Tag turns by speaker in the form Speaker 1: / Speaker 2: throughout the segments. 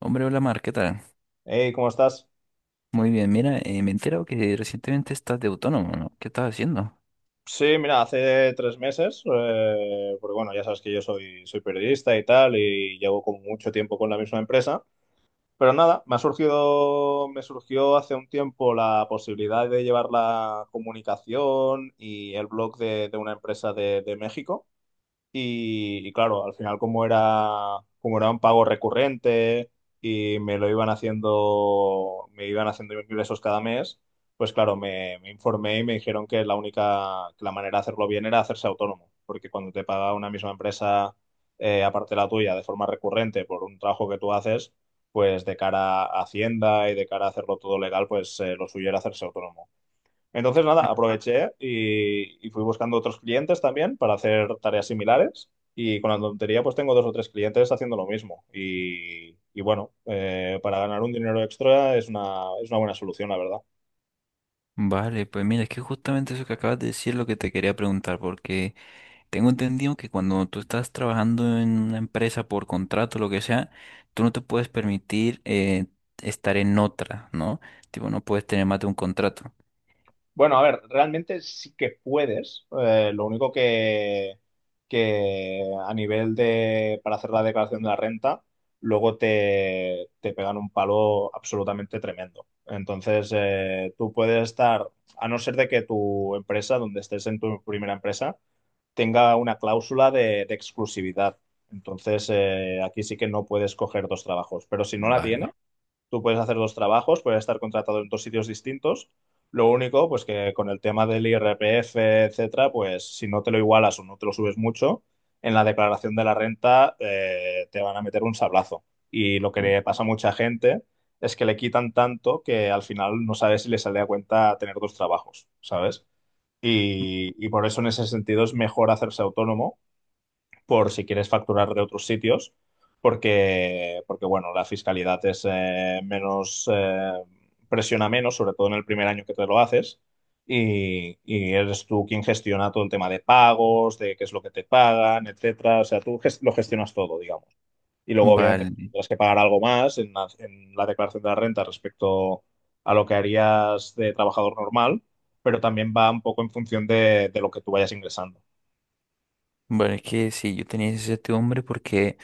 Speaker 1: Hombre, hola Mar, ¿qué tal?
Speaker 2: Hey, ¿cómo estás?
Speaker 1: Muy bien, mira, me he enterado que recientemente estás de autónomo, ¿no? ¿Qué estás haciendo?
Speaker 2: Sí, mira, hace 3 meses, porque bueno, ya sabes que yo soy periodista y tal, y llevo como mucho tiempo con la misma empresa, pero nada, me surgió hace un tiempo la posibilidad de llevar la comunicación y el blog de una empresa de México. Y claro, al final como era un pago recurrente y me iban haciendo ingresos cada mes, pues claro, me informé y me dijeron que que la manera de hacerlo bien era hacerse autónomo, porque cuando te paga una misma empresa, aparte de la tuya, de forma recurrente por un trabajo que tú haces, pues de cara a Hacienda y de cara a hacerlo todo legal, pues lo suyo era hacerse autónomo. Entonces, nada,
Speaker 1: Ah.
Speaker 2: aproveché y fui buscando otros clientes también para hacer tareas similares. Y con la tontería, pues tengo dos o tres clientes haciendo lo mismo. Y bueno, para ganar un dinero extra es una buena solución, la verdad.
Speaker 1: Vale, pues mira, es que justamente eso que acabas de decir es lo que te quería preguntar, porque tengo entendido que cuando tú estás trabajando en una empresa por contrato, lo que sea, tú no te puedes permitir estar en otra, ¿no? Tipo, no puedes tener más de un contrato.
Speaker 2: Bueno, a ver, realmente sí que puedes. Lo único que a nivel de, para hacer la declaración de la renta, luego te pegan un palo absolutamente tremendo. Entonces, tú puedes estar, a no ser de que tu empresa, donde estés en tu primera empresa, tenga una cláusula de exclusividad. Entonces, aquí sí que no puedes coger dos trabajos. Pero si no la
Speaker 1: Vale.
Speaker 2: Tú puedes hacer dos trabajos, puedes estar contratado en dos sitios distintos. Lo único, pues que con el tema del IRPF, etcétera, pues si no te lo igualas o no te lo subes mucho, en la declaración de la renta te van a meter un sablazo. Y lo que le pasa a mucha gente es que le quitan tanto que al final no sabes si le sale a cuenta tener dos trabajos, ¿sabes? Y por eso en ese sentido es mejor hacerse autónomo por si quieres facturar de otros sitios, porque bueno, la fiscalidad presiona menos, sobre todo en el primer año que te lo haces, y eres tú quien gestiona todo el tema de pagos, de qué es lo que te pagan, etcétera. O sea, tú lo gestionas todo, digamos. Y luego, obviamente, pues,
Speaker 1: Vale.
Speaker 2: tendrás que pagar algo más en la declaración de la renta respecto a lo que harías de trabajador normal, pero también va un poco en función de lo que tú vayas ingresando.
Speaker 1: Vale, es que sí, yo tenía ese hombre porque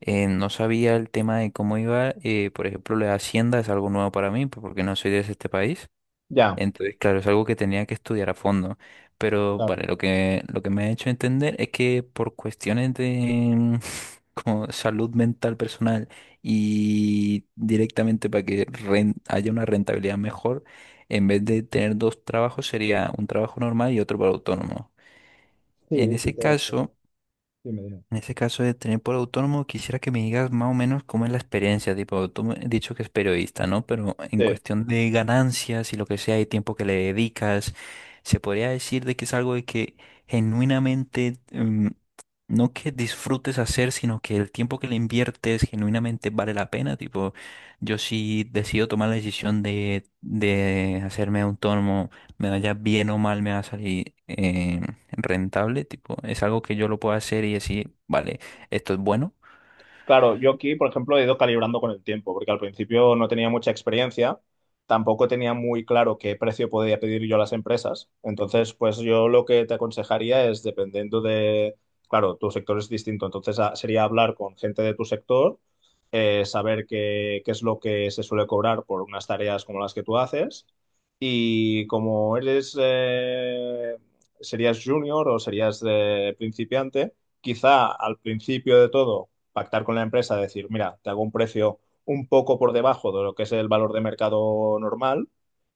Speaker 1: No sabía el tema de cómo iba, por ejemplo, la hacienda es algo nuevo para mí, pues, porque no soy de este país.
Speaker 2: Ya,
Speaker 1: Entonces, claro, es algo que tenía que estudiar a fondo. Pero,
Speaker 2: claro.
Speaker 1: vale, lo que me ha hecho entender es que por cuestiones de como salud mental personal y directamente para que haya una rentabilidad mejor, en vez de tener dos trabajos, sería un trabajo normal y otro para autónomo. En
Speaker 2: Sí, sí,
Speaker 1: ese caso...
Speaker 2: sí, miren.
Speaker 1: En ese caso de tener por autónomo, quisiera que me digas más o menos cómo es la experiencia. Tipo, tú me has dicho que es periodista, ¿no? Pero en
Speaker 2: Sí.
Speaker 1: cuestión de ganancias y lo que sea, y tiempo que le dedicas, se podría decir de que es algo de que genuinamente, no que disfrutes hacer, sino que el tiempo que le inviertes genuinamente vale la pena. Tipo, yo si decido tomar la decisión de hacerme autónomo, me vaya bien o mal, me va a salir. Rentable, tipo, es algo que yo lo puedo hacer y decir, vale, esto es bueno.
Speaker 2: Claro, yo aquí, por ejemplo, he ido calibrando con el tiempo, porque al principio no tenía mucha experiencia, tampoco tenía muy claro qué precio podía pedir yo a las empresas. Entonces, pues yo lo que te aconsejaría es, dependiendo de, claro, tu sector es distinto, entonces sería hablar con gente de tu sector, saber qué es lo que se suele cobrar por unas tareas como las que tú haces. Y serías junior o serías principiante, quizá al principio de todo pactar con la empresa, decir, mira, te hago un precio un poco por debajo de lo que es el valor de mercado normal,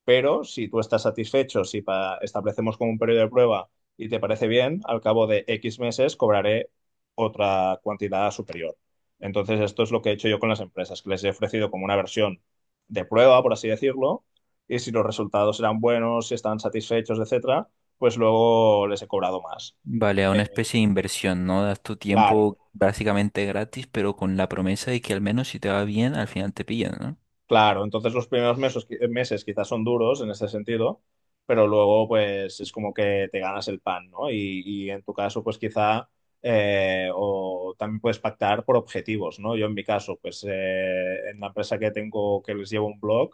Speaker 2: pero si tú estás satisfecho, si establecemos como un periodo de prueba y te parece bien, al cabo de X meses cobraré otra cantidad superior. Entonces, esto es lo que he hecho yo con las empresas, que les he ofrecido como una versión de prueba, por así decirlo, y si los resultados eran buenos, si estaban satisfechos, etcétera, pues luego les he cobrado más.
Speaker 1: Vale, a una
Speaker 2: Eh,
Speaker 1: especie de inversión, no das tu
Speaker 2: claro,
Speaker 1: tiempo básicamente gratis, pero con la promesa de que al menos si te va bien, al final te pillan, ¿no?
Speaker 2: Claro, entonces los primeros meses quizás son duros en ese sentido, pero luego pues es como que te ganas el pan, ¿no? Y en tu caso pues quizá o también puedes pactar por objetivos, ¿no? Yo en mi caso pues en la empresa que tengo que les llevo un blog,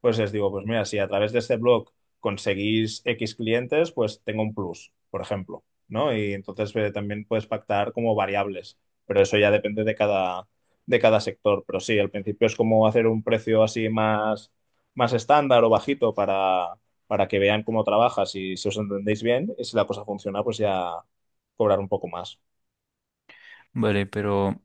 Speaker 2: pues les digo pues mira, si a través de este blog conseguís X clientes, pues tengo un plus, por ejemplo, ¿no? Y entonces también puedes pactar como variables, pero eso ya depende de cada sector. Pero sí, al principio es como hacer un precio así más estándar o bajito para que vean cómo trabajas y si os entendéis bien y si la cosa funciona, pues ya cobrar un poco más.
Speaker 1: Vale, pero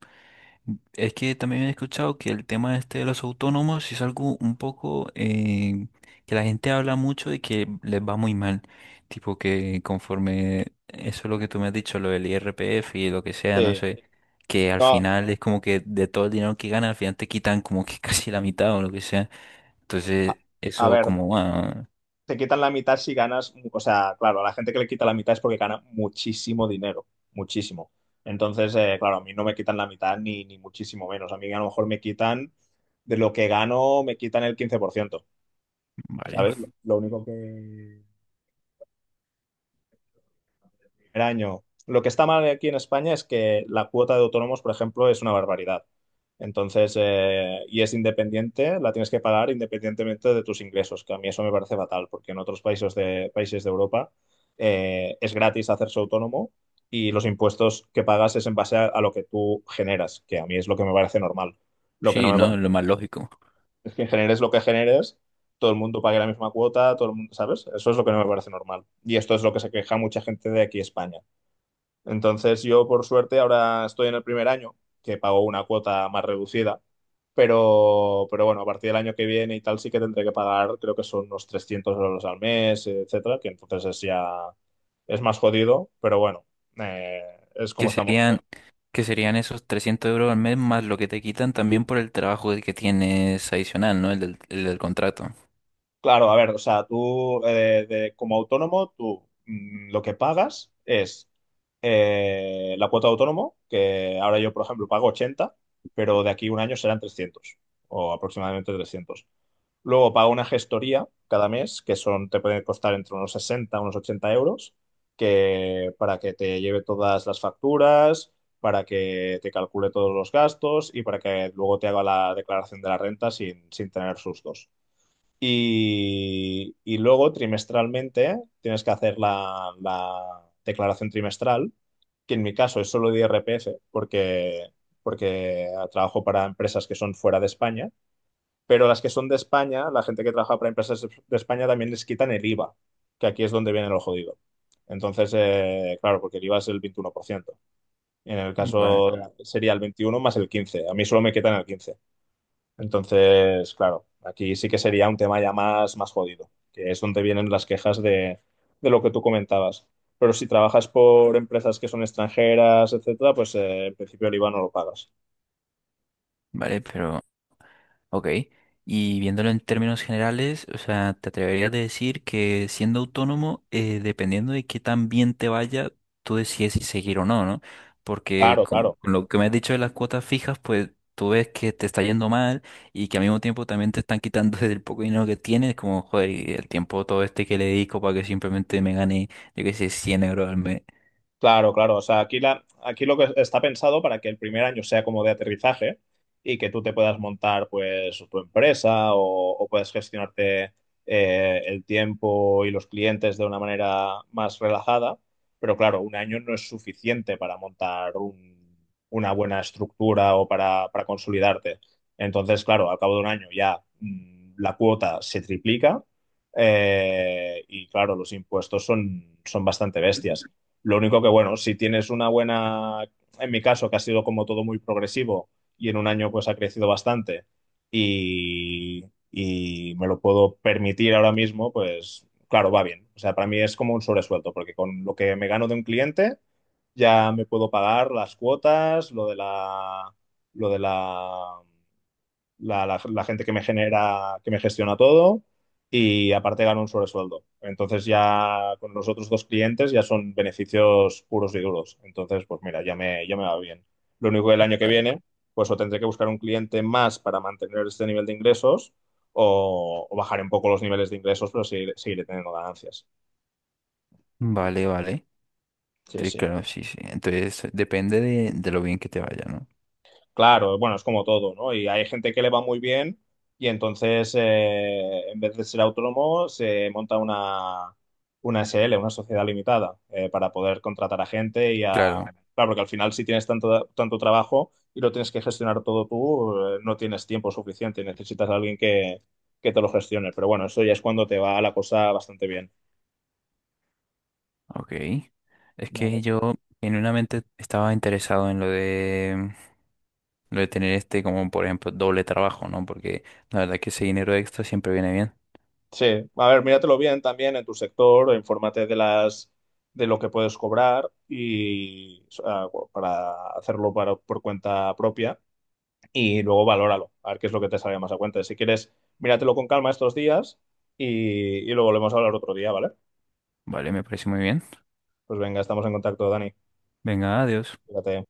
Speaker 1: es que también he escuchado que el tema este de los autónomos es algo un poco que la gente habla mucho y que les va muy mal. Tipo que conforme eso es lo que tú me has dicho, lo del IRPF y lo que sea, no
Speaker 2: Sí,
Speaker 1: sé, que al
Speaker 2: no,
Speaker 1: final es como que de todo el dinero que ganan, al final te quitan como que casi la mitad o lo que sea.
Speaker 2: a,
Speaker 1: Entonces,
Speaker 2: a
Speaker 1: eso
Speaker 2: ver,
Speaker 1: como, ah,
Speaker 2: te quitan la mitad si ganas, o sea, claro, a la gente que le quita la mitad es porque gana muchísimo dinero, muchísimo. Entonces, claro, a mí no me quitan la mitad ni muchísimo menos. A mí a lo mejor me quitan, de lo que gano, me quitan el 15%,
Speaker 1: vale.
Speaker 2: ¿sabes? Lo único que, primer año. Lo que está mal aquí en España es que la cuota de autónomos, por ejemplo, es una barbaridad. Entonces, y es independiente, la tienes que pagar independientemente de tus ingresos, que a mí eso me parece fatal, porque en otros países de Europa es gratis hacerse autónomo y los impuestos que pagas es en base a lo que tú generas, que a mí es lo que me parece normal. Lo que
Speaker 1: Sí,
Speaker 2: no me
Speaker 1: ¿no?
Speaker 2: parece
Speaker 1: Lo más lógico.
Speaker 2: es que generes lo que generes, todo el mundo pague la misma cuota, todo el mundo, ¿sabes? Eso es lo que no me parece normal. Y esto es lo que se queja mucha gente de aquí, España. Entonces yo, por suerte, ahora estoy en el primer año, que pago una cuota más reducida, pero bueno, a partir del año que viene y tal sí que tendré que pagar, creo que son unos 300 euros al mes, etcétera, que entonces es ya, es más jodido, pero bueno, eh, es como
Speaker 1: que
Speaker 2: estamos
Speaker 1: serían,
Speaker 2: ahora.
Speaker 1: ¿Que serían esos 300 euros al mes más lo que te quitan también por el trabajo que tienes adicional, ¿no? El del contrato.
Speaker 2: Claro, a ver, o sea, tú como autónomo, lo que pagas es la cuota de autónomo, que ahora yo, por ejemplo, pago 80 pero de aquí a un año serán 300 o aproximadamente 300. Luego pago una gestoría cada mes, te puede costar entre unos 60 unos 80 euros, que, para que te lleve todas las facturas, para que te calcule todos los gastos y para que luego te haga la declaración de la renta sin tener sustos. Y luego trimestralmente tienes que hacer la declaración trimestral, que en mi caso es solo de IRPF, porque trabajo para empresas que son fuera de España pero las que son de España, la gente que trabaja para empresas de España también les quitan el IVA, que aquí es donde viene lo jodido. Entonces, claro, porque el IVA es el 21%. En el
Speaker 1: Vale,
Speaker 2: caso sería el 21 más el 15. A mí solo me quitan el 15. Entonces, claro, aquí sí que sería un tema ya más jodido, que es donde vienen las quejas de lo que tú comentabas. Pero si trabajas por empresas que son extranjeras, etcétera, pues en principio el IVA no lo pagas.
Speaker 1: vale, pero ok, y viéndolo en términos generales, o sea, ¿te atreverías a decir que siendo autónomo, dependiendo de qué tan bien te vaya, tú decides si seguir o no, ¿no? Porque
Speaker 2: Claro,
Speaker 1: como
Speaker 2: claro.
Speaker 1: con lo que me has dicho de las cuotas fijas, pues tú ves que te está yendo mal y que al mismo tiempo también te están quitando del poco dinero que tienes, como, joder, y el tiempo todo este que le dedico para que simplemente me gane, yo qué sé, 100 euros al mes.
Speaker 2: Claro, claro. O sea, aquí, aquí lo que está pensado para que el primer año sea como de aterrizaje y que tú te puedas montar pues tu empresa o puedas gestionarte el tiempo y los clientes de una manera más relajada. Pero claro, un año no es suficiente para montar una buena estructura o para consolidarte. Entonces, claro, al cabo de un año ya la cuota se triplica y claro, los impuestos son bastante bestias. Lo único que, bueno, si tienes una buena, en mi caso, que ha sido como todo muy progresivo y en un año pues ha crecido bastante y, y me lo puedo permitir ahora mismo, pues claro, va bien. O sea, para mí es como un sobresuelto, porque con lo que me gano de un cliente ya me puedo pagar las cuotas, lo de la la gente que me gestiona todo y aparte gano un sobresueldo. Entonces ya con los otros dos clientes ya son beneficios puros y duros. Entonces, pues mira, ya me va bien. Lo único que el año que
Speaker 1: Ah.
Speaker 2: viene, pues o tendré que buscar un cliente más para mantener este nivel de ingresos o bajaré un poco los niveles de ingresos, pero seguiré teniendo ganancias.
Speaker 1: Vale, vale.
Speaker 2: Sí,
Speaker 1: Sí,
Speaker 2: sí.
Speaker 1: claro, sí, sí. Entonces, depende de lo bien que te vaya, ¿no?
Speaker 2: Claro, bueno, es como todo, ¿no? Y hay gente que le va muy bien y entonces, en vez de ser autónomo, se monta una SL, una sociedad limitada, para poder contratar a gente y a...
Speaker 1: Claro.
Speaker 2: Claro, porque al final si tienes tanto, tanto trabajo y lo tienes que gestionar todo tú, no tienes tiempo suficiente y necesitas a alguien que te lo gestione. Pero bueno, eso ya es cuando te va la cosa bastante bien.
Speaker 1: Ok. Es
Speaker 2: Vale,
Speaker 1: que
Speaker 2: pues
Speaker 1: yo genuinamente estaba interesado en lo de tener este como, por ejemplo, doble trabajo, ¿no? Porque la verdad que ese dinero extra siempre viene bien.
Speaker 2: sí, a ver, míratelo bien también en tu sector, infórmate de las de lo que puedes cobrar y o sea, para hacerlo por cuenta propia y luego valóralo, a ver qué es lo que te sale más a cuenta. Si quieres, míratelo con calma estos días y lo volvemos a hablar otro día, ¿vale?
Speaker 1: Vale, me parece muy bien.
Speaker 2: Pues venga, estamos en contacto, Dani.
Speaker 1: Venga, adiós.
Speaker 2: Cuídate.